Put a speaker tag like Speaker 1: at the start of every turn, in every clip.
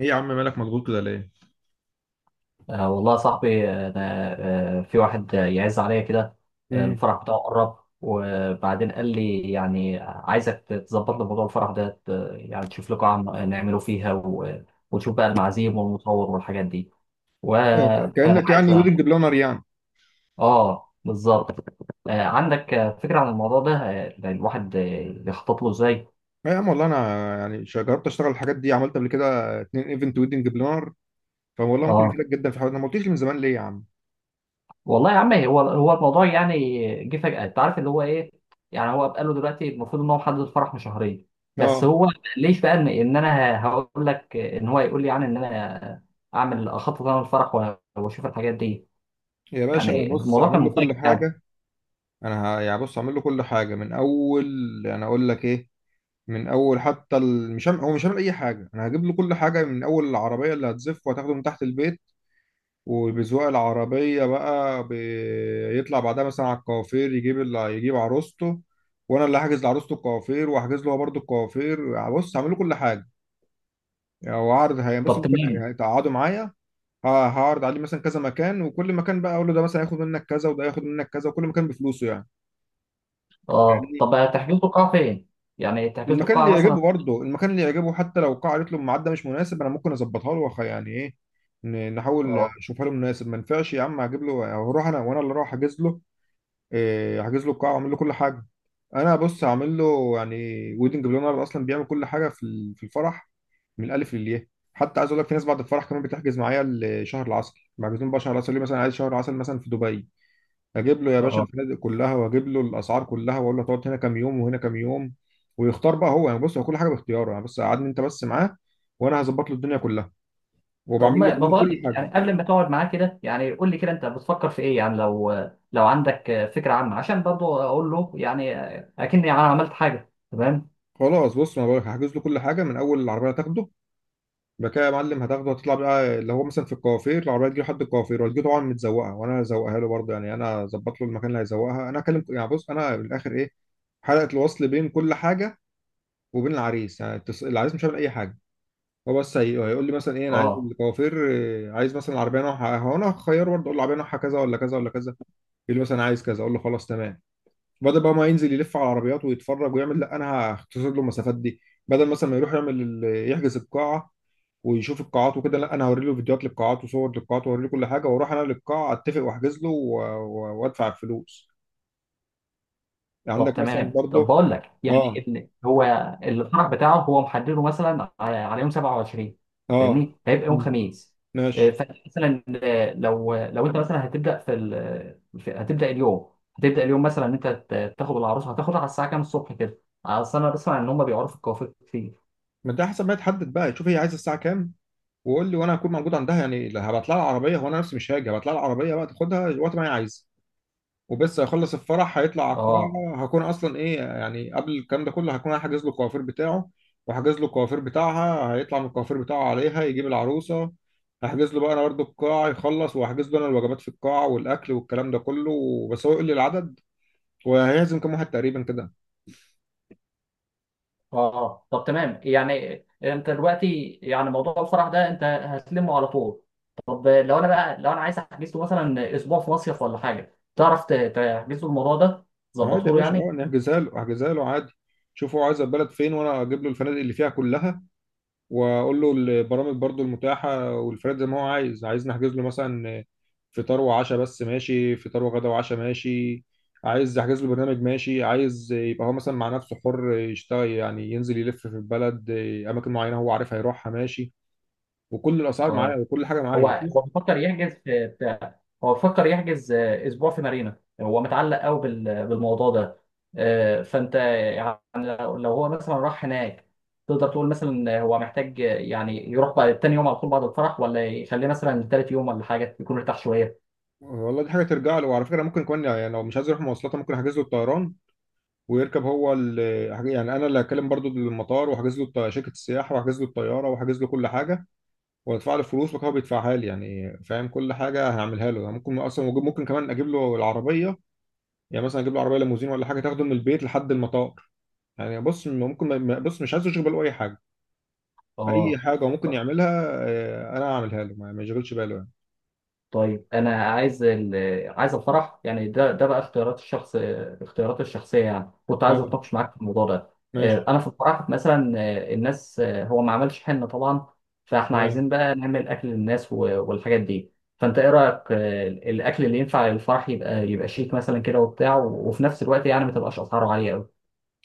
Speaker 1: ايه يا عم مالك مضغوط كده ليه؟
Speaker 2: آه والله يا صاحبي أنا، في واحد يعز عليا كده.
Speaker 1: امم.
Speaker 2: الفرح بتاعه قرب، وبعدين قال لي يعني عايزك تظبط لي موضوع الفرح ده. يعني تشوف لي قاعة نعمله فيها، وتشوف بقى المعازيم والمصور والحاجات دي،
Speaker 1: آه،
Speaker 2: فأنا
Speaker 1: كانك
Speaker 2: عايز
Speaker 1: يعني ويدنج بلانر يعني.
Speaker 2: آه بالظبط. آه عندك فكرة عن الموضوع ده، الواحد يخطط له إزاي؟
Speaker 1: لا يا عم والله انا يعني جربت اشتغل الحاجات دي، عملت قبل كده اتنين ايفنت ويدنج بلانر. فوالله ممكن
Speaker 2: آه
Speaker 1: افيدك جدا في حاجه، انا ما قلتليش من زمان ليه يا عم.
Speaker 2: والله يا عم، هو الموضوع يعني جه فجأة، انت عارف اللي هو ايه. يعني هو بقى له دلوقتي المفروض ان هو محدد الفرح من شهرين، بس
Speaker 1: اه
Speaker 2: هو ليش بقى إن انا هقول لك ان هو يقول لي يعني ان انا اعمل اخطط انا الفرح واشوف الحاجات دي.
Speaker 1: يا باشا، انا
Speaker 2: يعني
Speaker 1: بص
Speaker 2: الموضوع كان
Speaker 1: هعمل له كل
Speaker 2: مفاجئ يعني.
Speaker 1: حاجه. انا يعني بص هعمل له كل حاجه من اول. انا اقول لك ايه، من اول حتى مش هعمل هو مش هعمل اي حاجه، انا هجيب له كل حاجه من اول. العربيه اللي هتزف وهتاخده من تحت البيت، وبذوق العربية بقى بيطلع بعدها مثلا على الكوافير، يجيب اللي يجيب عروسته، وانا اللي هحجز لعروسته الكوافير، وهحجز له هو برضه الكوافير. بص هعمل له كل حاجة، يعني هو عرض، هي بص
Speaker 2: طب
Speaker 1: ممكن
Speaker 2: تمام.
Speaker 1: هيتقعدوا معايا. هعرض عليه مثلا كذا مكان، وكل مكان بقى اقول له ده مثلا هياخد منك كذا، وده هياخد منك كذا، وكل مكان بفلوسه يعني.
Speaker 2: اه
Speaker 1: يعني
Speaker 2: طب تحجزوا القاعة فين؟ يعني تحجزوا
Speaker 1: المكان
Speaker 2: القاعة
Speaker 1: اللي
Speaker 2: مثلا.
Speaker 1: يعجبه، برضه المكان اللي يعجبه، حتى لو القاعة قالت له الميعاد ده مش مناسب، انا ممكن اظبطها له يعني ايه، نحاول
Speaker 2: اه.
Speaker 1: نشوفها له مناسب. ما ينفعش يا عم، هجيب له، هروح انا، وانا اللي اروح احجز له إيه، حاجز له القاعه وعامل له كل حاجه. انا بص هعمل له يعني. ويدنج بلانر اصلا بيعمل كل حاجه في في الفرح، من الالف للياء. حتى عايز اقول لك، في ناس بعد الفرح كمان بتحجز معايا لشهر العسل، محجزين بقى شهر العسل، ليه؟ مثلا عايز شهر عسل مثلا في دبي، اجيب له يا باشا
Speaker 2: اه
Speaker 1: الفنادق كلها، واجيب له الاسعار كلها، واقول له هتقعد هنا كام يوم وهنا كام يوم. ويختار بقى هو يعني، بص هو كل حاجه باختياره يعني، بس قعدني انت بس معاه، وانا هظبط له الدنيا كلها،
Speaker 2: طب
Speaker 1: وبعمل له
Speaker 2: ما
Speaker 1: كمان
Speaker 2: بقول
Speaker 1: كل
Speaker 2: لك،
Speaker 1: حاجه.
Speaker 2: يعني قبل ما تقعد معاه كده، يعني قول لي كده انت بتفكر في ايه، يعني لو عندك فكره عامه، عشان برضو اقول له يعني اكني انا عملت حاجه. تمام.
Speaker 1: خلاص، بص ما بقولك هحجز له كل حاجه. من اول العربيه هتاخده، يبقى كده يا معلم، هتاخده هتطلع بقى اللي هو مثلا في الكوافير، العربيه تجي لحد الكوافير، وهتجي طبعا متزوقه، وانا هزوقها له برضه يعني. انا اظبط له المكان اللي هيزوقها، انا اكلم يعني، بص انا من الاخر ايه، حلقه الوصل بين كل حاجه وبين العريس. يعني العريس مش هيعمل اي حاجه، هو بس هيقول لي مثلا ايه، انا عايز
Speaker 2: اه
Speaker 1: الكوافير إيه، عايز مثلا العربيه نوعها، هو انا هخيره برضه، اقول له العربيه نوعها كذا ولا كذا ولا كذا، يقول لي مثلا عايز كذا، اقول له خلاص تمام. بدل بقى ما ينزل يلف على العربيات ويتفرج ويعمل، لا انا هختصر له المسافات دي. بدل مثلا ما يروح يعمل يحجز القاعه، ويشوف القاعات وكده، لا انا هوري له فيديوهات للقاعات وصور للقاعات، واوري له كل حاجه، واروح انا للقاعه اتفق واحجز له وادفع الفلوس. يعني
Speaker 2: طب
Speaker 1: عندك مثلا
Speaker 2: تمام. طب
Speaker 1: برضه.
Speaker 2: بقول لك يعني
Speaker 1: اه.
Speaker 2: إن هو الفرح بتاعه هو محدده مثلا على يوم 27.
Speaker 1: اه.
Speaker 2: فاهمني هيبقى يوم
Speaker 1: مم.
Speaker 2: خميس.
Speaker 1: ماشي.
Speaker 2: فمثلا، لو انت مثلا هتبدا في، هتبدا اليوم، هتبدا اليوم مثلا ان انت تاخد العروسه. هتاخدها على الساعه كام الصبح كده؟ اصل انا بسمع ان هم بيعرفوا الكوافير كتير.
Speaker 1: ما انت حسب ما تحدد بقى، شوف هي عايزه الساعه كام، وقول لي، وانا هكون موجود عندها يعني، لا هبعت لها العربيه، هو انا نفسي مش هاجي، هبعت لها العربيه بقى تاخدها وقت ما هي عايزه. وبس هيخلص الفرح هيطلع على
Speaker 2: اه.
Speaker 1: القاعة، هكون أصلا إيه يعني، قبل الكلام ده كله هكون أنا حاجز له الكوافير بتاعه، وحاجز له الكوافير بتاعها، هيطلع من الكوافير بتاعه عليها، يجيب العروسة. هحجز له بقى أنا برضه القاعة، يخلص وهحجز له أنا الوجبات في القاعة والأكل والكلام ده كله. بس هو يقول لي العدد، وهيعزم كام واحد تقريبا كده.
Speaker 2: اه آه. طب تمام. يعني انت دلوقتي يعني موضوع الفرح ده انت هتلمه على طول. طب لو انا بقى، لو انا عايز احجز له مثلا اسبوع في مصيف ولا حاجه، تعرف تحجز له الموضوع ده،
Speaker 1: عادي يا
Speaker 2: تظبطه له
Speaker 1: باشا، أه
Speaker 2: يعني؟
Speaker 1: نحجزها له، أحجزها له عادي. شوف هو عايز البلد فين، وأنا أجيب له الفنادق اللي فيها كلها، واقول له البرامج برضو المتاحه والفريد، زي ما هو عايز. عايز نحجز له مثلا فطار وعشاء بس، ماشي. فطار وغدا وعشاء، ماشي. عايز احجز له برنامج، ماشي. عايز يبقى هو مثلا مع نفسه حر يشتغل، يعني ينزل يلف في البلد، اماكن معينه هو عارف هيروحها، ماشي. وكل الاسعار معايا
Speaker 2: اه.
Speaker 1: وكل حاجه معايا،
Speaker 2: هو
Speaker 1: شوف.
Speaker 2: بيفكر يحجز هو بيفكر يحجز اسبوع في مارينا. هو متعلق قوي بالموضوع ده. فانت لو هو مثلا راح هناك، تقدر تقول مثلا هو محتاج يعني يروح بعد تاني يوم على طول بعد الفرح، ولا يخليه مثلا تالت يوم ولا حاجه يكون ارتاح شويه؟
Speaker 1: والله دي حاجه ترجع له. وعلى فكره، ممكن كمان يعني لو مش عايز يروح مواصلات، ممكن احجز له الطيران، ويركب هو يعني انا اللي هكلم برضو المطار، واحجز له شركه السياحه، واحجز له الطياره، واحجز له كل حاجه، وادفع له فلوس، وهو بيدفعها لي يعني. فاهم، كل حاجه هعملها له يعني. ممكن اصلا، ممكن كمان اجيب له العربيه، يعني مثلا اجيب له عربيه ليموزين ولا حاجه، تاخده من البيت لحد المطار. يعني بص ممكن، بص مش عايز يشغل باله اي حاجه. اي
Speaker 2: اه.
Speaker 1: حاجه ممكن يعملها، آه، انا هعملها له، ما يشغلش باله يعني.
Speaker 2: طيب، انا عايز عايز الفرح. يعني ده بقى اختيارات الشخص، اختيارات الشخصيه. يعني كنت عايز
Speaker 1: أه،
Speaker 2: اتناقش معاك في الموضوع ده.
Speaker 1: ماشي،
Speaker 2: انا في الفرح مثلا، الناس، هو ما عملش حنه طبعا، فاحنا
Speaker 1: تمام.
Speaker 2: عايزين بقى نعمل اكل للناس والحاجات دي. فانت ايه رايك؟ الاكل اللي ينفع للفرح يبقى شيك مثلا كده وبتاع، وفي نفس الوقت يعني ما تبقاش اسعاره عاليه.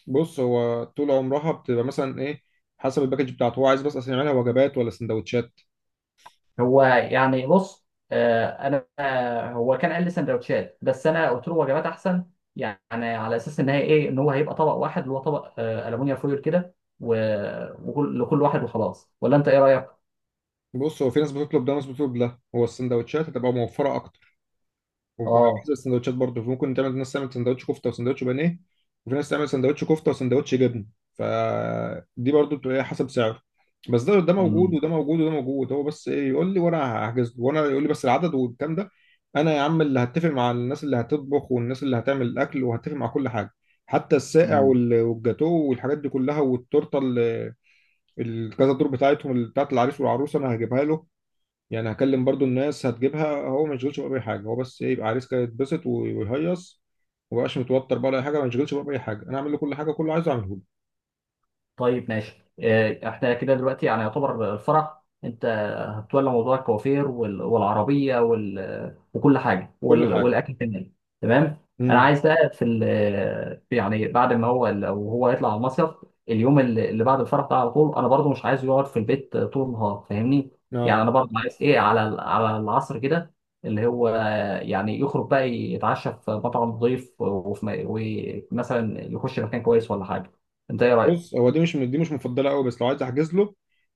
Speaker 1: بص هو طول عمرها بتبقى مثلا ايه، حسب الباكج بتاعته. هو عايز بس اصلا يعملها وجبات ولا سندوتشات؟
Speaker 2: هو يعني بص، انا، هو كان قال لي سندوتشات، بس انا قلت له وجبات احسن. يعني على اساس ان هي ايه، ان هو هيبقى طبق واحد اللي هو طبق الومنيوم فويل كده، لكل واحد وخلاص، ولا انت ايه رايك؟
Speaker 1: بص هو في ناس بتطلب ده وناس بتطلب ده. هو السندوتشات هتبقى موفره اكتر،
Speaker 2: اه.
Speaker 1: وبحسب السندوتشات برضه، ممكن تعمل ناس تعمل سندوتش كفته وسندوتش بانيه، وفي ناس تعمل سندوتش كفته وسندوتش جبن. فدي برضه بتبقى إيه، حسب سعره. بس ده موجود، وده موجود، وده موجود، هو بس ايه يقول لي وانا هحجز له، وانا يقول لي بس العدد والكلام ده. انا يا عم اللي هتفق مع الناس اللي هتطبخ، والناس اللي هتعمل الاكل، وهتفق مع كل حاجه، حتى الساقع
Speaker 2: امم.
Speaker 1: والجاتوه والحاجات دي كلها، والتورته الكذا دور بتاعتهم، بتاعت العريس والعروسه، انا هجيبها له. يعني هكلم برضو الناس هتجيبها، هو ما يشغلش بقى باي حاجه. هو بس إيه، يبقى عريس كده يتبسط ويهيص، وما يبقاش متوتر بقى ولا أي حاجه، ما يشغلش بقى باي حاجه، انا اعمل له كل حاجه، كله عايزه اعمله له.
Speaker 2: طيب ماشي. احنا كده دلوقتي يعني يعتبر الفرح انت هتولى موضوع الكوافير والعربيه وكل حاجه
Speaker 1: كل حاجه.
Speaker 2: والاكل كمان. تمام. انا
Speaker 1: امم.
Speaker 2: عايز بقى في يعني بعد ما هو، لو هو يطلع على المصيف، اليوم اللي بعد الفرح ده على طول، انا برضو مش عايزه يقعد في البيت طول النهار، فاهمني؟ يعني
Speaker 1: اه،
Speaker 2: انا برضو عايز ايه على على العصر كده، اللي هو يعني يخرج بقى يتعشى في مطعم نظيف، وفي ومثلا يخش مكان كويس ولا حاجه. انت ايه رايك؟
Speaker 1: بص هو دي مش مفضله قوي، بس لو عايز احجز له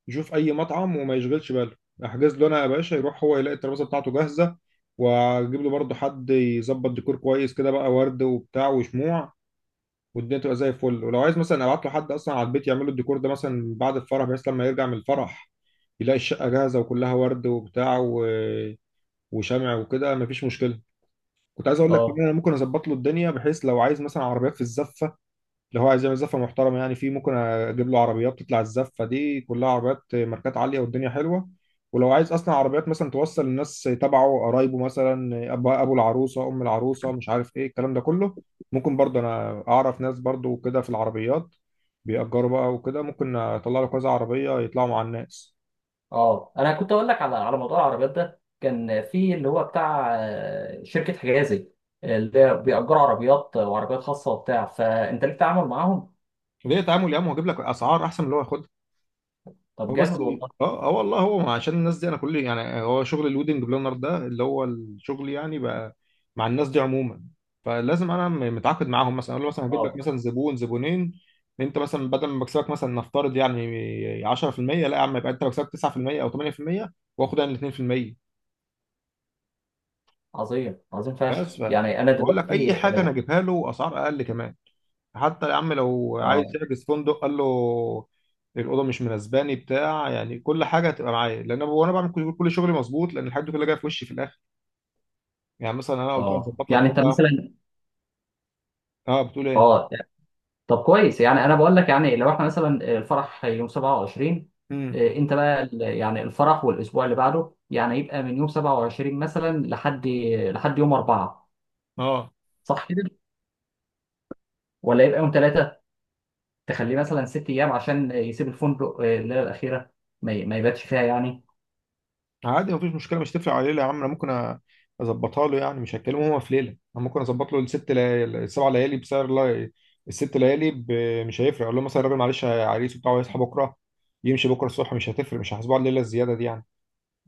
Speaker 1: يشوف اي مطعم وما يشغلش باله، احجز له انا يا باشا، يروح هو يلاقي الترابيزه بتاعته جاهزه، واجيب له برضو حد يظبط ديكور كويس كده بقى، ورد وبتاع وشموع، والدنيا تبقى زي الفل. ولو عايز مثلا ابعت له حد اصلا على البيت يعمل له الديكور ده مثلا بعد الفرح، بحيث لما يرجع من الفرح يلاقي الشقة جاهزة، وكلها ورد وبتاع وشمع وكده، مفيش مشكلة. كنت عايز اقول لك ان
Speaker 2: اه.
Speaker 1: انا ممكن اظبط له الدنيا، بحيث لو عايز مثلا عربيات في الزفة، لو هو عايز يعمل زفة محترمة يعني، في ممكن اجيب له عربيات، تطلع الزفة دي كلها عربيات ماركات عالية، والدنيا حلوة. ولو عايز اصلا عربيات مثلا توصل الناس تبعه، قرايبه مثلا، ابو العروسة، ام العروسة، مش عارف ايه الكلام ده كله، ممكن برضه انا اعرف ناس برضه كده في العربيات، بيأجروا بقى وكده، ممكن اطلع له كذا عربية يطلعوا مع الناس.
Speaker 2: اه، انا كنت اقول لك على موضوع العربيات ده. كان في اللي هو بتاع شركه حجازي، اللي هي بيأجروا عربيات وعربيات خاصه وبتاع، فانت ليك تعامل معاهم؟
Speaker 1: ليه تعامل يا عم؟ هو جايب لك اسعار احسن من اللي هو ياخدها.
Speaker 2: طب
Speaker 1: هو بس،
Speaker 2: جامد والله.
Speaker 1: اه اه والله، هو عشان الناس دي، انا كل يعني، هو شغل الويدنج بلانر ده اللي هو الشغل يعني، بقى مع الناس دي عموما. فلازم انا متعاقد معاهم، مثلا اقول له مثلا هجيب لك
Speaker 2: اه،
Speaker 1: مثلا زبون زبونين، انت مثلا بدل ما بكسبك مثلا نفترض يعني 10%، لا يا عم، يبقى انت بكسبك 9% او 8%، واخد انا ال 2%.
Speaker 2: عظيم عظيم فشخ.
Speaker 1: بس ف
Speaker 2: يعني انا
Speaker 1: بقول لك اي
Speaker 2: دلوقتي
Speaker 1: حاجه انا
Speaker 2: اه.
Speaker 1: اجيبها له اسعار اقل كمان. حتى يا عم لو عايز
Speaker 2: اه
Speaker 1: يحجز فندق قال له الاوضه مش مناسباني، بتاع يعني، كل حاجه هتبقى معايا، لان انا وانا بعمل كل شغلي مظبوط، لان الحاجات دي كلها جايه في وشي في الاخر. يعني مثلا انا قلت له
Speaker 2: آه.
Speaker 1: هظبط لك
Speaker 2: يعني انت
Speaker 1: كذا.
Speaker 2: مثلا.
Speaker 1: اه، بتقول ايه؟
Speaker 2: اه طب كويس. يعني انا بقول لك يعني لو احنا مثلا الفرح يوم 27،
Speaker 1: امم.
Speaker 2: انت بقى يعني الفرح والاسبوع اللي بعده يعني يبقى من يوم 27 مثلا لحد يوم 4،
Speaker 1: اه،
Speaker 2: صح؟ ولا يبقى يوم 3، تخليه مثلا 6 أيام عشان يسيب الفندق الليلة الأخيرة، ما يباتش فيها يعني.
Speaker 1: عادي، مفيش مشكله، مش تفرق عليه يا عم. انا ممكن اظبطها له يعني، مش هتكلمه هو في ليله. انا ممكن اظبط له الست ليالي السبع ليالي بسعر، لا، الست ليالي مش هيفرق، اقول له مثلا الراجل معلش عريس وبتاع، ويصحى بكره، يمشي بكره الصبح، مش هتفرق، مش هحاسبه على الليله الزياده دي يعني.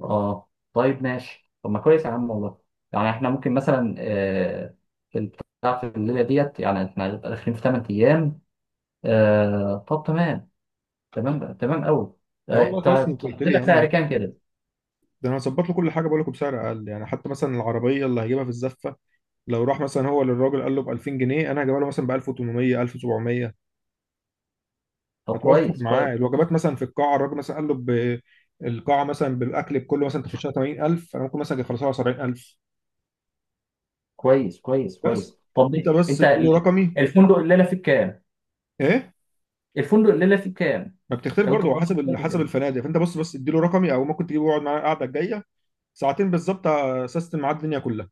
Speaker 2: اه. طيب ماشي. طب ما كويس يا عم والله. يعني احنا ممكن مثلا، في البتاع في الليلة ديت، يعني احنا هنبقى داخلين في 8 أيام. طب تمام. تمام بقى، تمام أوي.
Speaker 1: يا والله كويس انك
Speaker 2: تحط
Speaker 1: قلت لي يا
Speaker 2: لك سعر
Speaker 1: عم،
Speaker 2: كام كده؟
Speaker 1: ده انا هظبط له كل حاجه. بقول لكم بسعر اقل يعني، حتى مثلا العربيه اللي هجيبها في الزفه، لو راح مثلا هو للراجل قال له ب 2000 جنيه، انا هجيبها له مثلا ب 1800 1700.
Speaker 2: طب
Speaker 1: هتوفر
Speaker 2: كويس كويس
Speaker 1: معاه الوجبات مثلا في القاعه، الراجل مثلا قال له ب القاعه مثلا بالاكل بكله مثلا تخشها 80,000، انا ممكن مثلا أجي اخلصها 70,000.
Speaker 2: كويس كويس كويس.
Speaker 1: بس
Speaker 2: طب
Speaker 1: انت
Speaker 2: ليه؟
Speaker 1: بس
Speaker 2: انت
Speaker 1: اديله رقمي.
Speaker 2: الفندق الليلة فيه كام؟
Speaker 1: ايه؟
Speaker 2: الفندق الليلة فيه كام؟
Speaker 1: ما بتختلف
Speaker 2: لو انت
Speaker 1: برضه
Speaker 2: قررت
Speaker 1: حسب
Speaker 2: الفندق.
Speaker 1: حسب الفنادق. فانت بص، بس اديله رقمي، او ممكن تجيبه يقعد معانا القعده الجايه ساعتين بالظبط، اسست معاه الدنيا كلها.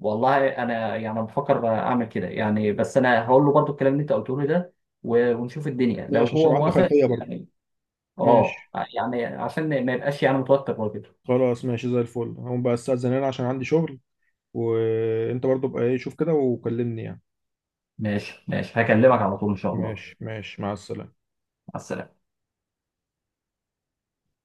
Speaker 2: والله انا يعني بفكر اعمل كده يعني، بس انا هقول له برضو الكلام اللي انت قلته لي ده، ونشوف الدنيا لو
Speaker 1: ماشي، عشان يبقى
Speaker 2: هو
Speaker 1: عنده
Speaker 2: موافق
Speaker 1: خلفيه برضه.
Speaker 2: يعني. اه.
Speaker 1: ماشي.
Speaker 2: يعني عشان ما يبقاش يعني متوتر برضه.
Speaker 1: خلاص، ماشي زي الفل، هقوم بقى استأذن انا عشان عندي شغل. وانت برضو بقى ايه، شوف كده وكلمني يعني.
Speaker 2: ماشي ماشي،
Speaker 1: خلاص.
Speaker 2: هكلمك على طول ان شاء الله.
Speaker 1: ماشي، ماشي، مع السلامة.
Speaker 2: مع السلامه.